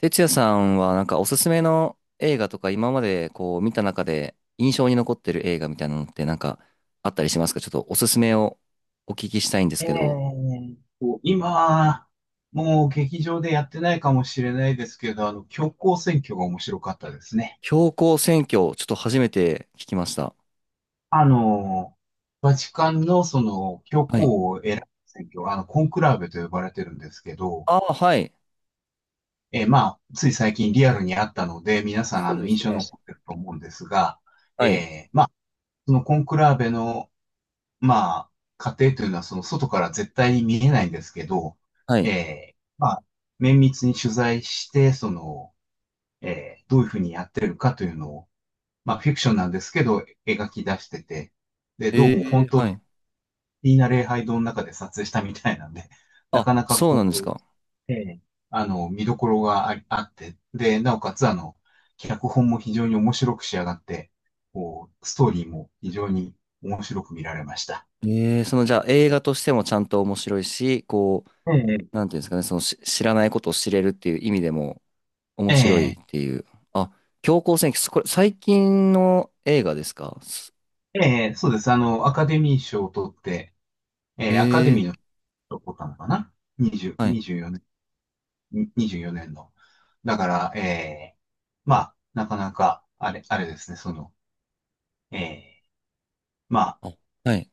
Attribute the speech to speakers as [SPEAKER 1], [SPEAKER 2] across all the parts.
[SPEAKER 1] 哲也さんはおすすめの映画とか今まで見た中で印象に残ってる映画みたいなのってあったりしますか？ちょっとおすすめをお聞きしたいんです
[SPEAKER 2] え
[SPEAKER 1] けど。
[SPEAKER 2] え。今、もう劇場でやってないかもしれないですけど、教皇選挙が面白かったですね。
[SPEAKER 1] 標高選挙、ちょっと初めて聞きました。
[SPEAKER 2] あの、バチカンのその教
[SPEAKER 1] はい。
[SPEAKER 2] 皇を選ぶ選挙、コンクラーベと呼ばれてるんですけど、
[SPEAKER 1] ああ、はい。
[SPEAKER 2] まあ、つい最近リアルにあったので、皆さん
[SPEAKER 1] そうで
[SPEAKER 2] 印
[SPEAKER 1] す
[SPEAKER 2] 象に
[SPEAKER 1] ね。
[SPEAKER 2] 残ってると思うんですが、
[SPEAKER 1] はい。
[SPEAKER 2] まあそのコンクラーベの、まあ、過程というのはその外から絶対に見えないんですけど、
[SPEAKER 1] はい。
[SPEAKER 2] まあ、綿密に取材して、その、どういうふうにやってるかというのを、まあ、フィクションなんですけど、描き出してて、で、どうも
[SPEAKER 1] ええ、
[SPEAKER 2] 本当、
[SPEAKER 1] はい。
[SPEAKER 2] いいな礼拝堂の中で撮影したみたいなんで、な
[SPEAKER 1] あ、
[SPEAKER 2] かなか
[SPEAKER 1] そうな
[SPEAKER 2] こ
[SPEAKER 1] んです
[SPEAKER 2] う、
[SPEAKER 1] か。
[SPEAKER 2] えー見どころがありあって、で、なおかつ、脚本も非常に面白く仕上がって、こう、ストーリーも非常に面白く見られました。
[SPEAKER 1] ええ、そのじゃあ映画としてもちゃんと面白いし、こう、
[SPEAKER 2] ええ、
[SPEAKER 1] なんていうんですかね、その知らないことを知れるっていう意味でも、面
[SPEAKER 2] え
[SPEAKER 1] 白い
[SPEAKER 2] え、
[SPEAKER 1] っていう。あ、強行戦記、これ最近の映画ですか？
[SPEAKER 2] ええ、そうです。アカデミー賞を取って、え
[SPEAKER 1] へ
[SPEAKER 2] え、アカデミ
[SPEAKER 1] え。
[SPEAKER 2] ーの賞を取ったのかな？ 20、
[SPEAKER 1] はい。
[SPEAKER 2] 24年、24年の。だから、まあ、なかなか、あれですね、その、えー、まあ、
[SPEAKER 1] あ、はい。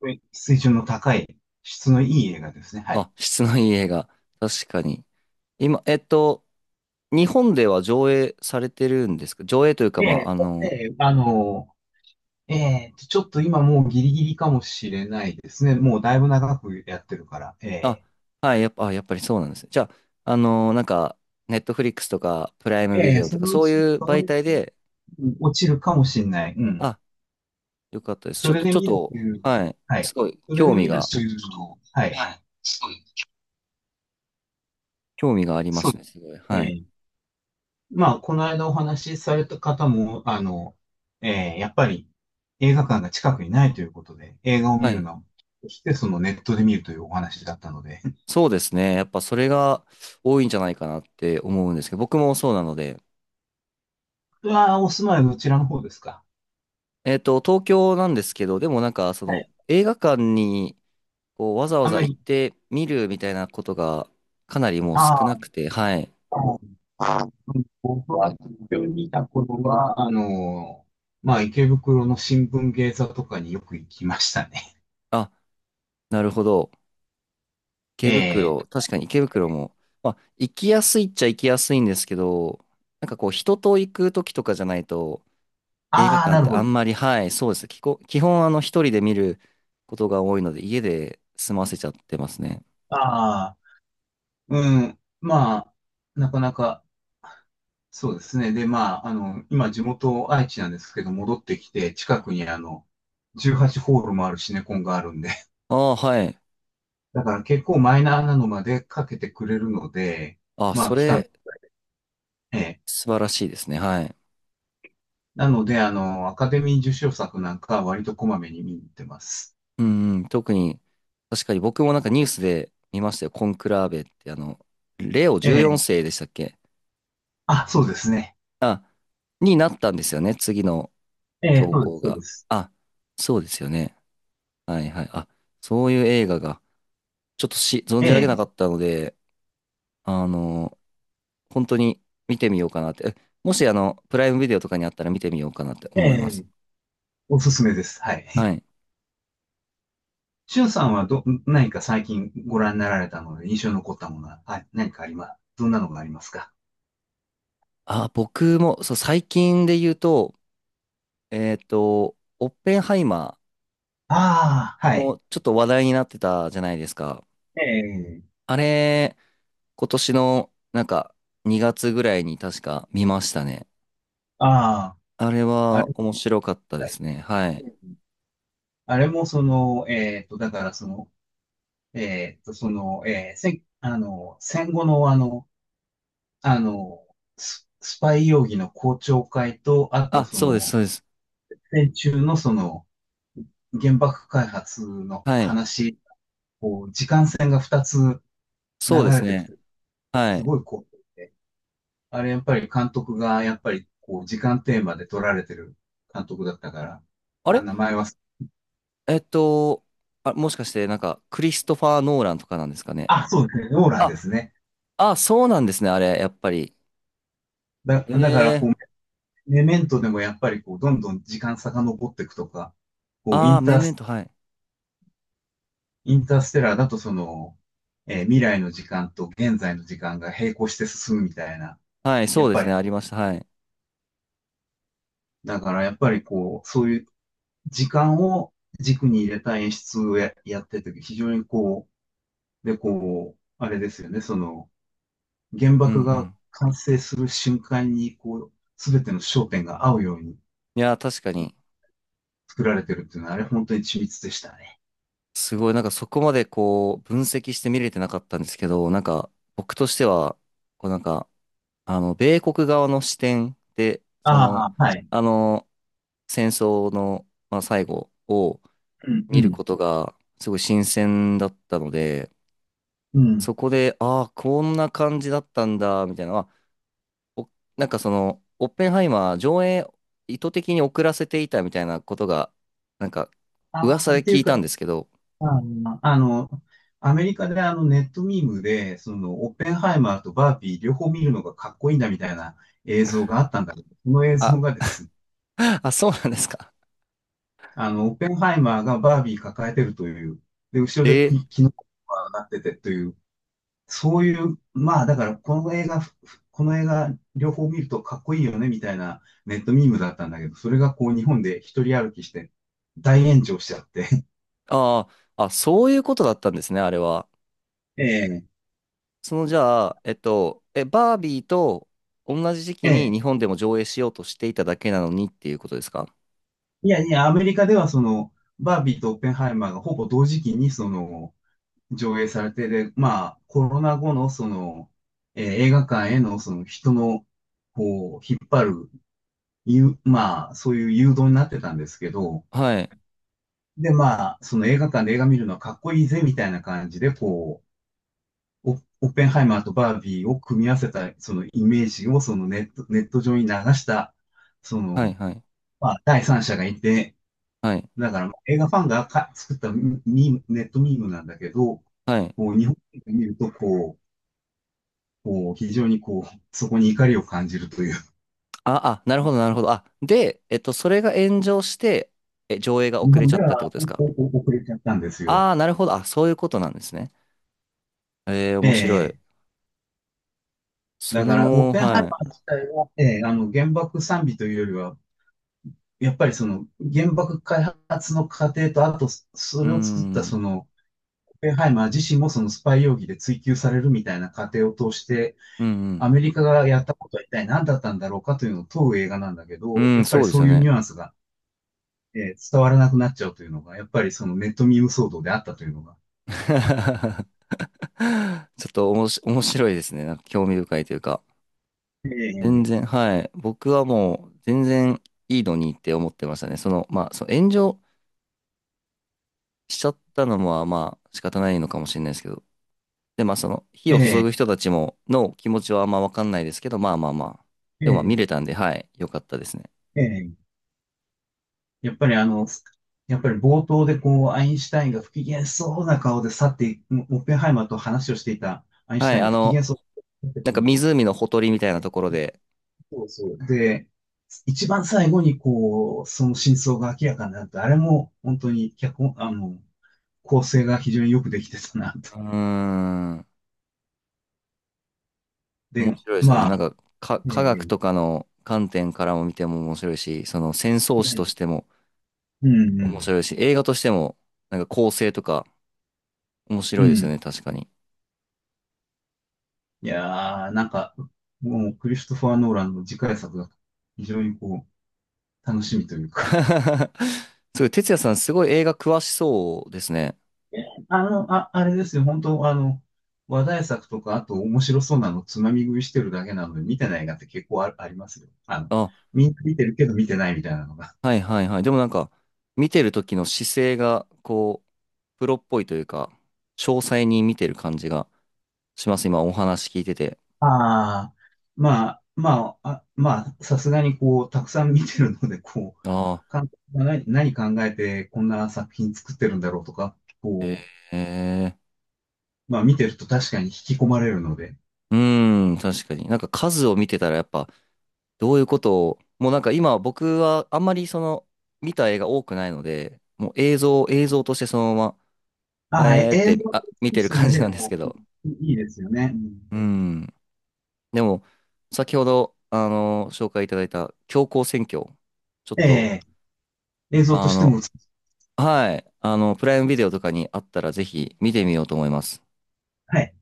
[SPEAKER 2] はい、水準の高い、質のいい映画ですね、はい。
[SPEAKER 1] あ、質のいい映画。確かに。今、日本では上映されてるんですか？上映というか、
[SPEAKER 2] え
[SPEAKER 1] まあ、
[SPEAKER 2] え
[SPEAKER 1] あ
[SPEAKER 2] え
[SPEAKER 1] の、
[SPEAKER 2] え、ちょっと今もうギリギリかもしれないですね。もうだいぶ長くやってるから、え
[SPEAKER 1] あ、
[SPEAKER 2] え
[SPEAKER 1] はい、やっぱ、あ、やっぱりそうなんですね。じゃあ、あの、なんか、ネットフリックスとか、プライムビ
[SPEAKER 2] え
[SPEAKER 1] デ
[SPEAKER 2] え、
[SPEAKER 1] オと
[SPEAKER 2] そ
[SPEAKER 1] か、
[SPEAKER 2] のう
[SPEAKER 1] そう
[SPEAKER 2] ち、
[SPEAKER 1] いう
[SPEAKER 2] その
[SPEAKER 1] 媒
[SPEAKER 2] うち、
[SPEAKER 1] 体で、
[SPEAKER 2] うん、落ちるかもしれない。うん。
[SPEAKER 1] あ、よかったです。ち
[SPEAKER 2] そ
[SPEAKER 1] ょっ
[SPEAKER 2] れ
[SPEAKER 1] と、
[SPEAKER 2] で
[SPEAKER 1] ちょっ
[SPEAKER 2] 見る
[SPEAKER 1] と、
[SPEAKER 2] という、
[SPEAKER 1] はい。
[SPEAKER 2] は
[SPEAKER 1] す
[SPEAKER 2] い。
[SPEAKER 1] ごい、
[SPEAKER 2] それ
[SPEAKER 1] 興
[SPEAKER 2] で
[SPEAKER 1] 味
[SPEAKER 2] 見る
[SPEAKER 1] が、
[SPEAKER 2] というのを、はい。はい。そうです、
[SPEAKER 1] 興味がありま
[SPEAKER 2] そう
[SPEAKER 1] す
[SPEAKER 2] です、
[SPEAKER 1] ね。すごい。
[SPEAKER 2] え
[SPEAKER 1] はい。
[SPEAKER 2] え。まあ、この間お話しされた方も、やっぱり映画館が近くにないということで、映画を
[SPEAKER 1] は
[SPEAKER 2] 見る
[SPEAKER 1] い。
[SPEAKER 2] のはそして、そのネットで見るというお話だったので、
[SPEAKER 1] そうですね。やっぱそれが多いんじゃないかなって思うんですけど、僕もそうなので。
[SPEAKER 2] うお住まいはどちらの方ですか？
[SPEAKER 1] 東京なんですけど、でもなんかそ
[SPEAKER 2] は
[SPEAKER 1] の
[SPEAKER 2] い。
[SPEAKER 1] 映画館にこうわざわ
[SPEAKER 2] あん
[SPEAKER 1] ざ
[SPEAKER 2] ま
[SPEAKER 1] 行っ
[SPEAKER 2] り、
[SPEAKER 1] て見るみたいなことがかなりもう少
[SPEAKER 2] あ
[SPEAKER 1] な
[SPEAKER 2] あ、
[SPEAKER 1] くて、はい。
[SPEAKER 2] あ僕あ、は、病にいたこ頃は、まあ、池袋の新聞芸座とかによく行きましたね。
[SPEAKER 1] あ、なるほど。池
[SPEAKER 2] えー
[SPEAKER 1] 袋、
[SPEAKER 2] と、
[SPEAKER 1] 確かに池袋も、まあ、行きやすいっちゃ行きやすいんですけど、なんかこう人と行く時とかじゃないと映画
[SPEAKER 2] ああ、
[SPEAKER 1] 館
[SPEAKER 2] な
[SPEAKER 1] っ
[SPEAKER 2] る
[SPEAKER 1] て
[SPEAKER 2] ほ
[SPEAKER 1] あ
[SPEAKER 2] ど。
[SPEAKER 1] んまり、はい、そうです。基本あの一人で見ることが多いので家で済ませちゃってますね。
[SPEAKER 2] ああ、うん、まあ、なかなか、そうですね。で、まあ、今、地元愛知なんですけど、戻ってきて、近くに18ホールもあるシネコンがあるんで、
[SPEAKER 1] ああ、はい。
[SPEAKER 2] だから結構マイナーなのまでかけてくれるので、
[SPEAKER 1] あ、
[SPEAKER 2] まあ、
[SPEAKER 1] そ
[SPEAKER 2] 期間、
[SPEAKER 1] れ、
[SPEAKER 2] ええ。
[SPEAKER 1] 素晴らしいですね。はい。
[SPEAKER 2] なので、アカデミー受賞作なんかは割とこまめに見に行ってます。
[SPEAKER 1] うんうん。特に、確かに僕もなんかニュースで見ましたよ。コンクラーベって、あの、レオ
[SPEAKER 2] え
[SPEAKER 1] 14
[SPEAKER 2] え。
[SPEAKER 1] 世でしたっけ？
[SPEAKER 2] あ、そうですね。
[SPEAKER 1] あ、になったんですよね。次の
[SPEAKER 2] ええ、
[SPEAKER 1] 教
[SPEAKER 2] そうで
[SPEAKER 1] 皇
[SPEAKER 2] す、そうで
[SPEAKER 1] が。
[SPEAKER 2] す。
[SPEAKER 1] あ、そうですよね。はいはい。あ、そういう映画が、ちょっとし、存じ上
[SPEAKER 2] え
[SPEAKER 1] げな
[SPEAKER 2] え、
[SPEAKER 1] かったので、あの、本当に見てみようかなって。え、もし、あの、プライムビデオとかにあったら見てみようかなって
[SPEAKER 2] え
[SPEAKER 1] 思います。
[SPEAKER 2] え、おすすめです。は
[SPEAKER 1] は
[SPEAKER 2] い。
[SPEAKER 1] い。
[SPEAKER 2] しゅんさんは何か最近ご覧になられたので印象に残ったものは、はい、何かあります、どんなのがありますか？
[SPEAKER 1] あ、僕も、そう、最近で言うと、オッペンハイマ
[SPEAKER 2] ああ、
[SPEAKER 1] ー
[SPEAKER 2] はい。
[SPEAKER 1] もちょっと話題になってたじゃないですか。
[SPEAKER 2] ええ、
[SPEAKER 1] あれ、今年のなんか2月ぐらいに確か見ましたね。
[SPEAKER 2] あ
[SPEAKER 1] あれ
[SPEAKER 2] あ、あ
[SPEAKER 1] は
[SPEAKER 2] れ、
[SPEAKER 1] 面白かったで
[SPEAKER 2] はい、
[SPEAKER 1] すね。はい。
[SPEAKER 2] うん、あれもその、だからその、その、戦後のあの、スパイ容疑の公聴会と、あと
[SPEAKER 1] あ、
[SPEAKER 2] そ
[SPEAKER 1] そうです、
[SPEAKER 2] の、
[SPEAKER 1] そうです。
[SPEAKER 2] 戦中のその、原爆開発の
[SPEAKER 1] はい。
[SPEAKER 2] 話、こう、時間線が2つ流
[SPEAKER 1] そうです
[SPEAKER 2] れてく
[SPEAKER 1] ね。
[SPEAKER 2] て、
[SPEAKER 1] は
[SPEAKER 2] す
[SPEAKER 1] い。
[SPEAKER 2] ごいこう、あれやっぱり監督が、やっぱり、こう、時間テーマで撮られてる監督だったから、
[SPEAKER 1] あ
[SPEAKER 2] あ、
[SPEAKER 1] れ
[SPEAKER 2] 名前忘、
[SPEAKER 1] えっと、あ、もしかしてなんかクリストファー・ノーランとかなんですかね。
[SPEAKER 2] あ、そうですね。ローラン
[SPEAKER 1] あ、
[SPEAKER 2] ですね。
[SPEAKER 1] あ、そうなんですね、あれ、やっぱり。
[SPEAKER 2] だから、
[SPEAKER 1] え
[SPEAKER 2] こう、
[SPEAKER 1] え。
[SPEAKER 2] メメントでもやっぱり、こう、どんどん時間遡っていくとか、こう、
[SPEAKER 1] ああー、メメント、はい。
[SPEAKER 2] インターステラーだと、その、未来の時間と現在の時間が並行して進むみたいな、
[SPEAKER 1] はい、
[SPEAKER 2] や
[SPEAKER 1] そ
[SPEAKER 2] っ
[SPEAKER 1] うで
[SPEAKER 2] ぱ
[SPEAKER 1] す
[SPEAKER 2] り、
[SPEAKER 1] ね、ありました。はい。
[SPEAKER 2] だから、やっぱり、こう、そういう時間を軸に入れた演出をやってて、非常にこう、で、こう、あれですよね、その、原
[SPEAKER 1] うんう
[SPEAKER 2] 爆が
[SPEAKER 1] ん。
[SPEAKER 2] 完成する瞬間に、こう、すべての焦点が合うように、
[SPEAKER 1] いや、確かに。
[SPEAKER 2] 作られてるっていうのは、あれ本当に緻密でしたね。
[SPEAKER 1] すごい、なんかそこまでこう、分析して見れてなかったんですけど、なんか僕としては、こうなんか、あの、米国側の視点で、その、
[SPEAKER 2] ああ、はい。
[SPEAKER 1] あの、戦争の、まあ、最後を
[SPEAKER 2] うんう
[SPEAKER 1] 見る
[SPEAKER 2] ん。
[SPEAKER 1] ことが、すごい新鮮だったので、
[SPEAKER 2] うん。
[SPEAKER 1] そこで、ああ、こんな感じだったんだ、みたいな、は、お、なんかその、オッペンハイマー上映意図的に遅らせていたみたいなことが、なんか、
[SPEAKER 2] ああ、
[SPEAKER 1] 噂で
[SPEAKER 2] ってい
[SPEAKER 1] 聞
[SPEAKER 2] う
[SPEAKER 1] い
[SPEAKER 2] か、
[SPEAKER 1] たんですけど、
[SPEAKER 2] あの、あのアメリカでネットミームで、そのオッペンハイマーとバービー両方見るのがかっこいいんだみたいな映像があったんだけど、その映像
[SPEAKER 1] あ、
[SPEAKER 2] がですね、
[SPEAKER 1] あ、そうなんですか。
[SPEAKER 2] オッペンハイマーがバービー抱えてるという、で、後ろで
[SPEAKER 1] えー。
[SPEAKER 2] キノコがなっててという、そういう、まあだからこの映画、この映画両方見るとかっこいいよねみたいなネットミームだったんだけど、それがこう日本で一人歩きして大炎上しちゃって。
[SPEAKER 1] ああ、あ、そういうことだったんですね、あれは。
[SPEAKER 2] ええ、
[SPEAKER 1] その、じゃあ、え、バービーと同じ時
[SPEAKER 2] え
[SPEAKER 1] 期に
[SPEAKER 2] え。
[SPEAKER 1] 日本でも上映しようとしていただけなのにっていうことですか？
[SPEAKER 2] いやいや、アメリカではその、バービーとオッペンハイマーがほぼ同時期にその、上映されて、で、まあ、コロナ後のその、映画館へのその人の、こう、引っ張る、いう、まあ、そういう誘導になってたんですけど、
[SPEAKER 1] はい、
[SPEAKER 2] で、まあ、その映画館で映画見るのはかっこいいぜ、みたいな感じで、こう、オッペンハイマーとバービーを組み合わせた、そのイメージを、ネット上に流した、そ
[SPEAKER 1] はい、
[SPEAKER 2] の、
[SPEAKER 1] はい、
[SPEAKER 2] まあ、第三者がいて、
[SPEAKER 1] はい、
[SPEAKER 2] だから、映画ファンが作ったミーム、ネットミームなんだけど、
[SPEAKER 1] はい。
[SPEAKER 2] こう、日本で見ると、こう、こう、非常にこう、そこに怒りを感じるという。
[SPEAKER 1] あ、あ、なるほど、なるほど。あ、で、それが炎上して、え、上映が
[SPEAKER 2] 日
[SPEAKER 1] 遅れ
[SPEAKER 2] 本
[SPEAKER 1] ちゃ
[SPEAKER 2] で
[SPEAKER 1] ったってこ
[SPEAKER 2] は、
[SPEAKER 1] とで
[SPEAKER 2] こ
[SPEAKER 1] すか？
[SPEAKER 2] う、遅れちゃったんです
[SPEAKER 1] あ
[SPEAKER 2] よ。
[SPEAKER 1] あー、なるほど。あ、そういうことなんですね。えー、面白い。
[SPEAKER 2] ええ。
[SPEAKER 1] そ
[SPEAKER 2] だ
[SPEAKER 1] れ
[SPEAKER 2] から、オッ
[SPEAKER 1] も、
[SPEAKER 2] ペンハイ
[SPEAKER 1] は
[SPEAKER 2] マ
[SPEAKER 1] い。
[SPEAKER 2] ー自体は、ええ、原爆賛美というよりは、やっぱりその原爆開発の過程と、あとそ
[SPEAKER 1] うー
[SPEAKER 2] れを作ったそ
[SPEAKER 1] ん、
[SPEAKER 2] のオペンハイマー自身もそのスパイ容疑で追及されるみたいな過程を通して、
[SPEAKER 1] うん、う
[SPEAKER 2] ア
[SPEAKER 1] ん、
[SPEAKER 2] メリカがやったことは一体何だったんだろうかというのを問う映画なんだけ
[SPEAKER 1] う
[SPEAKER 2] ど、や
[SPEAKER 1] ん、
[SPEAKER 2] っぱ
[SPEAKER 1] そ
[SPEAKER 2] り
[SPEAKER 1] うで
[SPEAKER 2] そ
[SPEAKER 1] す
[SPEAKER 2] う
[SPEAKER 1] よ
[SPEAKER 2] いう
[SPEAKER 1] ね。
[SPEAKER 2] ニュアンスが、伝わらなくなっちゃうというのが、やっぱりそのネットミーム騒動であったというのが。
[SPEAKER 1] ちょっとおもし、面白いですね。なんか興味深いというか。全
[SPEAKER 2] ええ
[SPEAKER 1] 然、はい。僕はもう全然いいのにって思ってましたね。その、まあ、その炎上しちゃったのは、まあ、仕方ないのかもしれないですけど。で、まあ、その、火を注
[SPEAKER 2] え
[SPEAKER 1] ぐ
[SPEAKER 2] え
[SPEAKER 1] 人たちも、の気持ちはあんまわかんないですけど、まあまあまあ。でもまあ見
[SPEAKER 2] え
[SPEAKER 1] れたんで、はい。よかったですね。
[SPEAKER 2] えええ、やっぱりやっぱり冒頭でこう、アインシュタインが不機嫌そうな顔で去っていく、オッペンハイマーと話をしていたアインシュ
[SPEAKER 1] は
[SPEAKER 2] タ
[SPEAKER 1] い。
[SPEAKER 2] イン
[SPEAKER 1] あ
[SPEAKER 2] が不機
[SPEAKER 1] の、
[SPEAKER 2] 嫌そうな
[SPEAKER 1] なんか
[SPEAKER 2] 時、
[SPEAKER 1] 湖のほとりみたいなところで、
[SPEAKER 2] そうそう。で、一番最後にこう、その真相が明らかになると、あれも本当に脚本、構成が非常によくできてたなと。
[SPEAKER 1] うーん、面
[SPEAKER 2] で、
[SPEAKER 1] 白いですよね。なんか、
[SPEAKER 2] え
[SPEAKER 1] 科学と
[SPEAKER 2] え、
[SPEAKER 1] かの観点からも見ても面白いし、その戦争
[SPEAKER 2] う
[SPEAKER 1] 史と
[SPEAKER 2] ん、
[SPEAKER 1] しても、
[SPEAKER 2] うん、う
[SPEAKER 1] 面
[SPEAKER 2] ん。
[SPEAKER 1] 白いし、映画としても、なんか構成とか面
[SPEAKER 2] う
[SPEAKER 1] 白いですよ
[SPEAKER 2] ん、
[SPEAKER 1] ね、確かに。
[SPEAKER 2] いやー、なんか、もうクリストファー・ノーランの次回作が非常にこう、楽しみというか、
[SPEAKER 1] すごい、哲也さんすごい映画詳しそうですね。
[SPEAKER 2] あ、あれですよ、本当話題作とか、あと面白そうなのつまみ食いしてるだけなので、見てない映画って結構ありますよ。
[SPEAKER 1] あ、
[SPEAKER 2] みんな見てるけど見てないみたいなのが。
[SPEAKER 1] はいはいはい。でもなんか、見てる時の姿勢が、こう、プロっぽいというか、詳細に見てる感じがします、今お話聞いてて。
[SPEAKER 2] ああ、まあ、まあ、まあ、さすがにこう、たくさん見てるので、こ
[SPEAKER 1] ああ、
[SPEAKER 2] う、監督が何考えてこんな作品作ってるんだろうとか、こ
[SPEAKER 1] ええ。
[SPEAKER 2] う、まあ見てると確かに引き込まれるので。
[SPEAKER 1] うーん、確かに。なんか数を見てたらやっぱ、どういうことを、もうなんか今僕はあんまりその、見た映画多くないので、もう映像、映像としてそのま
[SPEAKER 2] あ
[SPEAKER 1] ま、
[SPEAKER 2] あ、
[SPEAKER 1] えーっ
[SPEAKER 2] 映
[SPEAKER 1] て、
[SPEAKER 2] 像
[SPEAKER 1] あ、見
[SPEAKER 2] と
[SPEAKER 1] てる
[SPEAKER 2] してだ
[SPEAKER 1] 感じ
[SPEAKER 2] け
[SPEAKER 1] な
[SPEAKER 2] で
[SPEAKER 1] んです
[SPEAKER 2] も
[SPEAKER 1] けど。
[SPEAKER 2] いいですよね。うん、
[SPEAKER 1] うん。でも、先ほど、あの、紹介いただいた、強行選挙。ちょっ
[SPEAKER 2] え
[SPEAKER 1] と、
[SPEAKER 2] え、映像と
[SPEAKER 1] あ
[SPEAKER 2] しても
[SPEAKER 1] の、
[SPEAKER 2] 美しい。
[SPEAKER 1] はい。あの、プライムビデオとかにあったら、ぜひ見てみようと思います。
[SPEAKER 2] はい。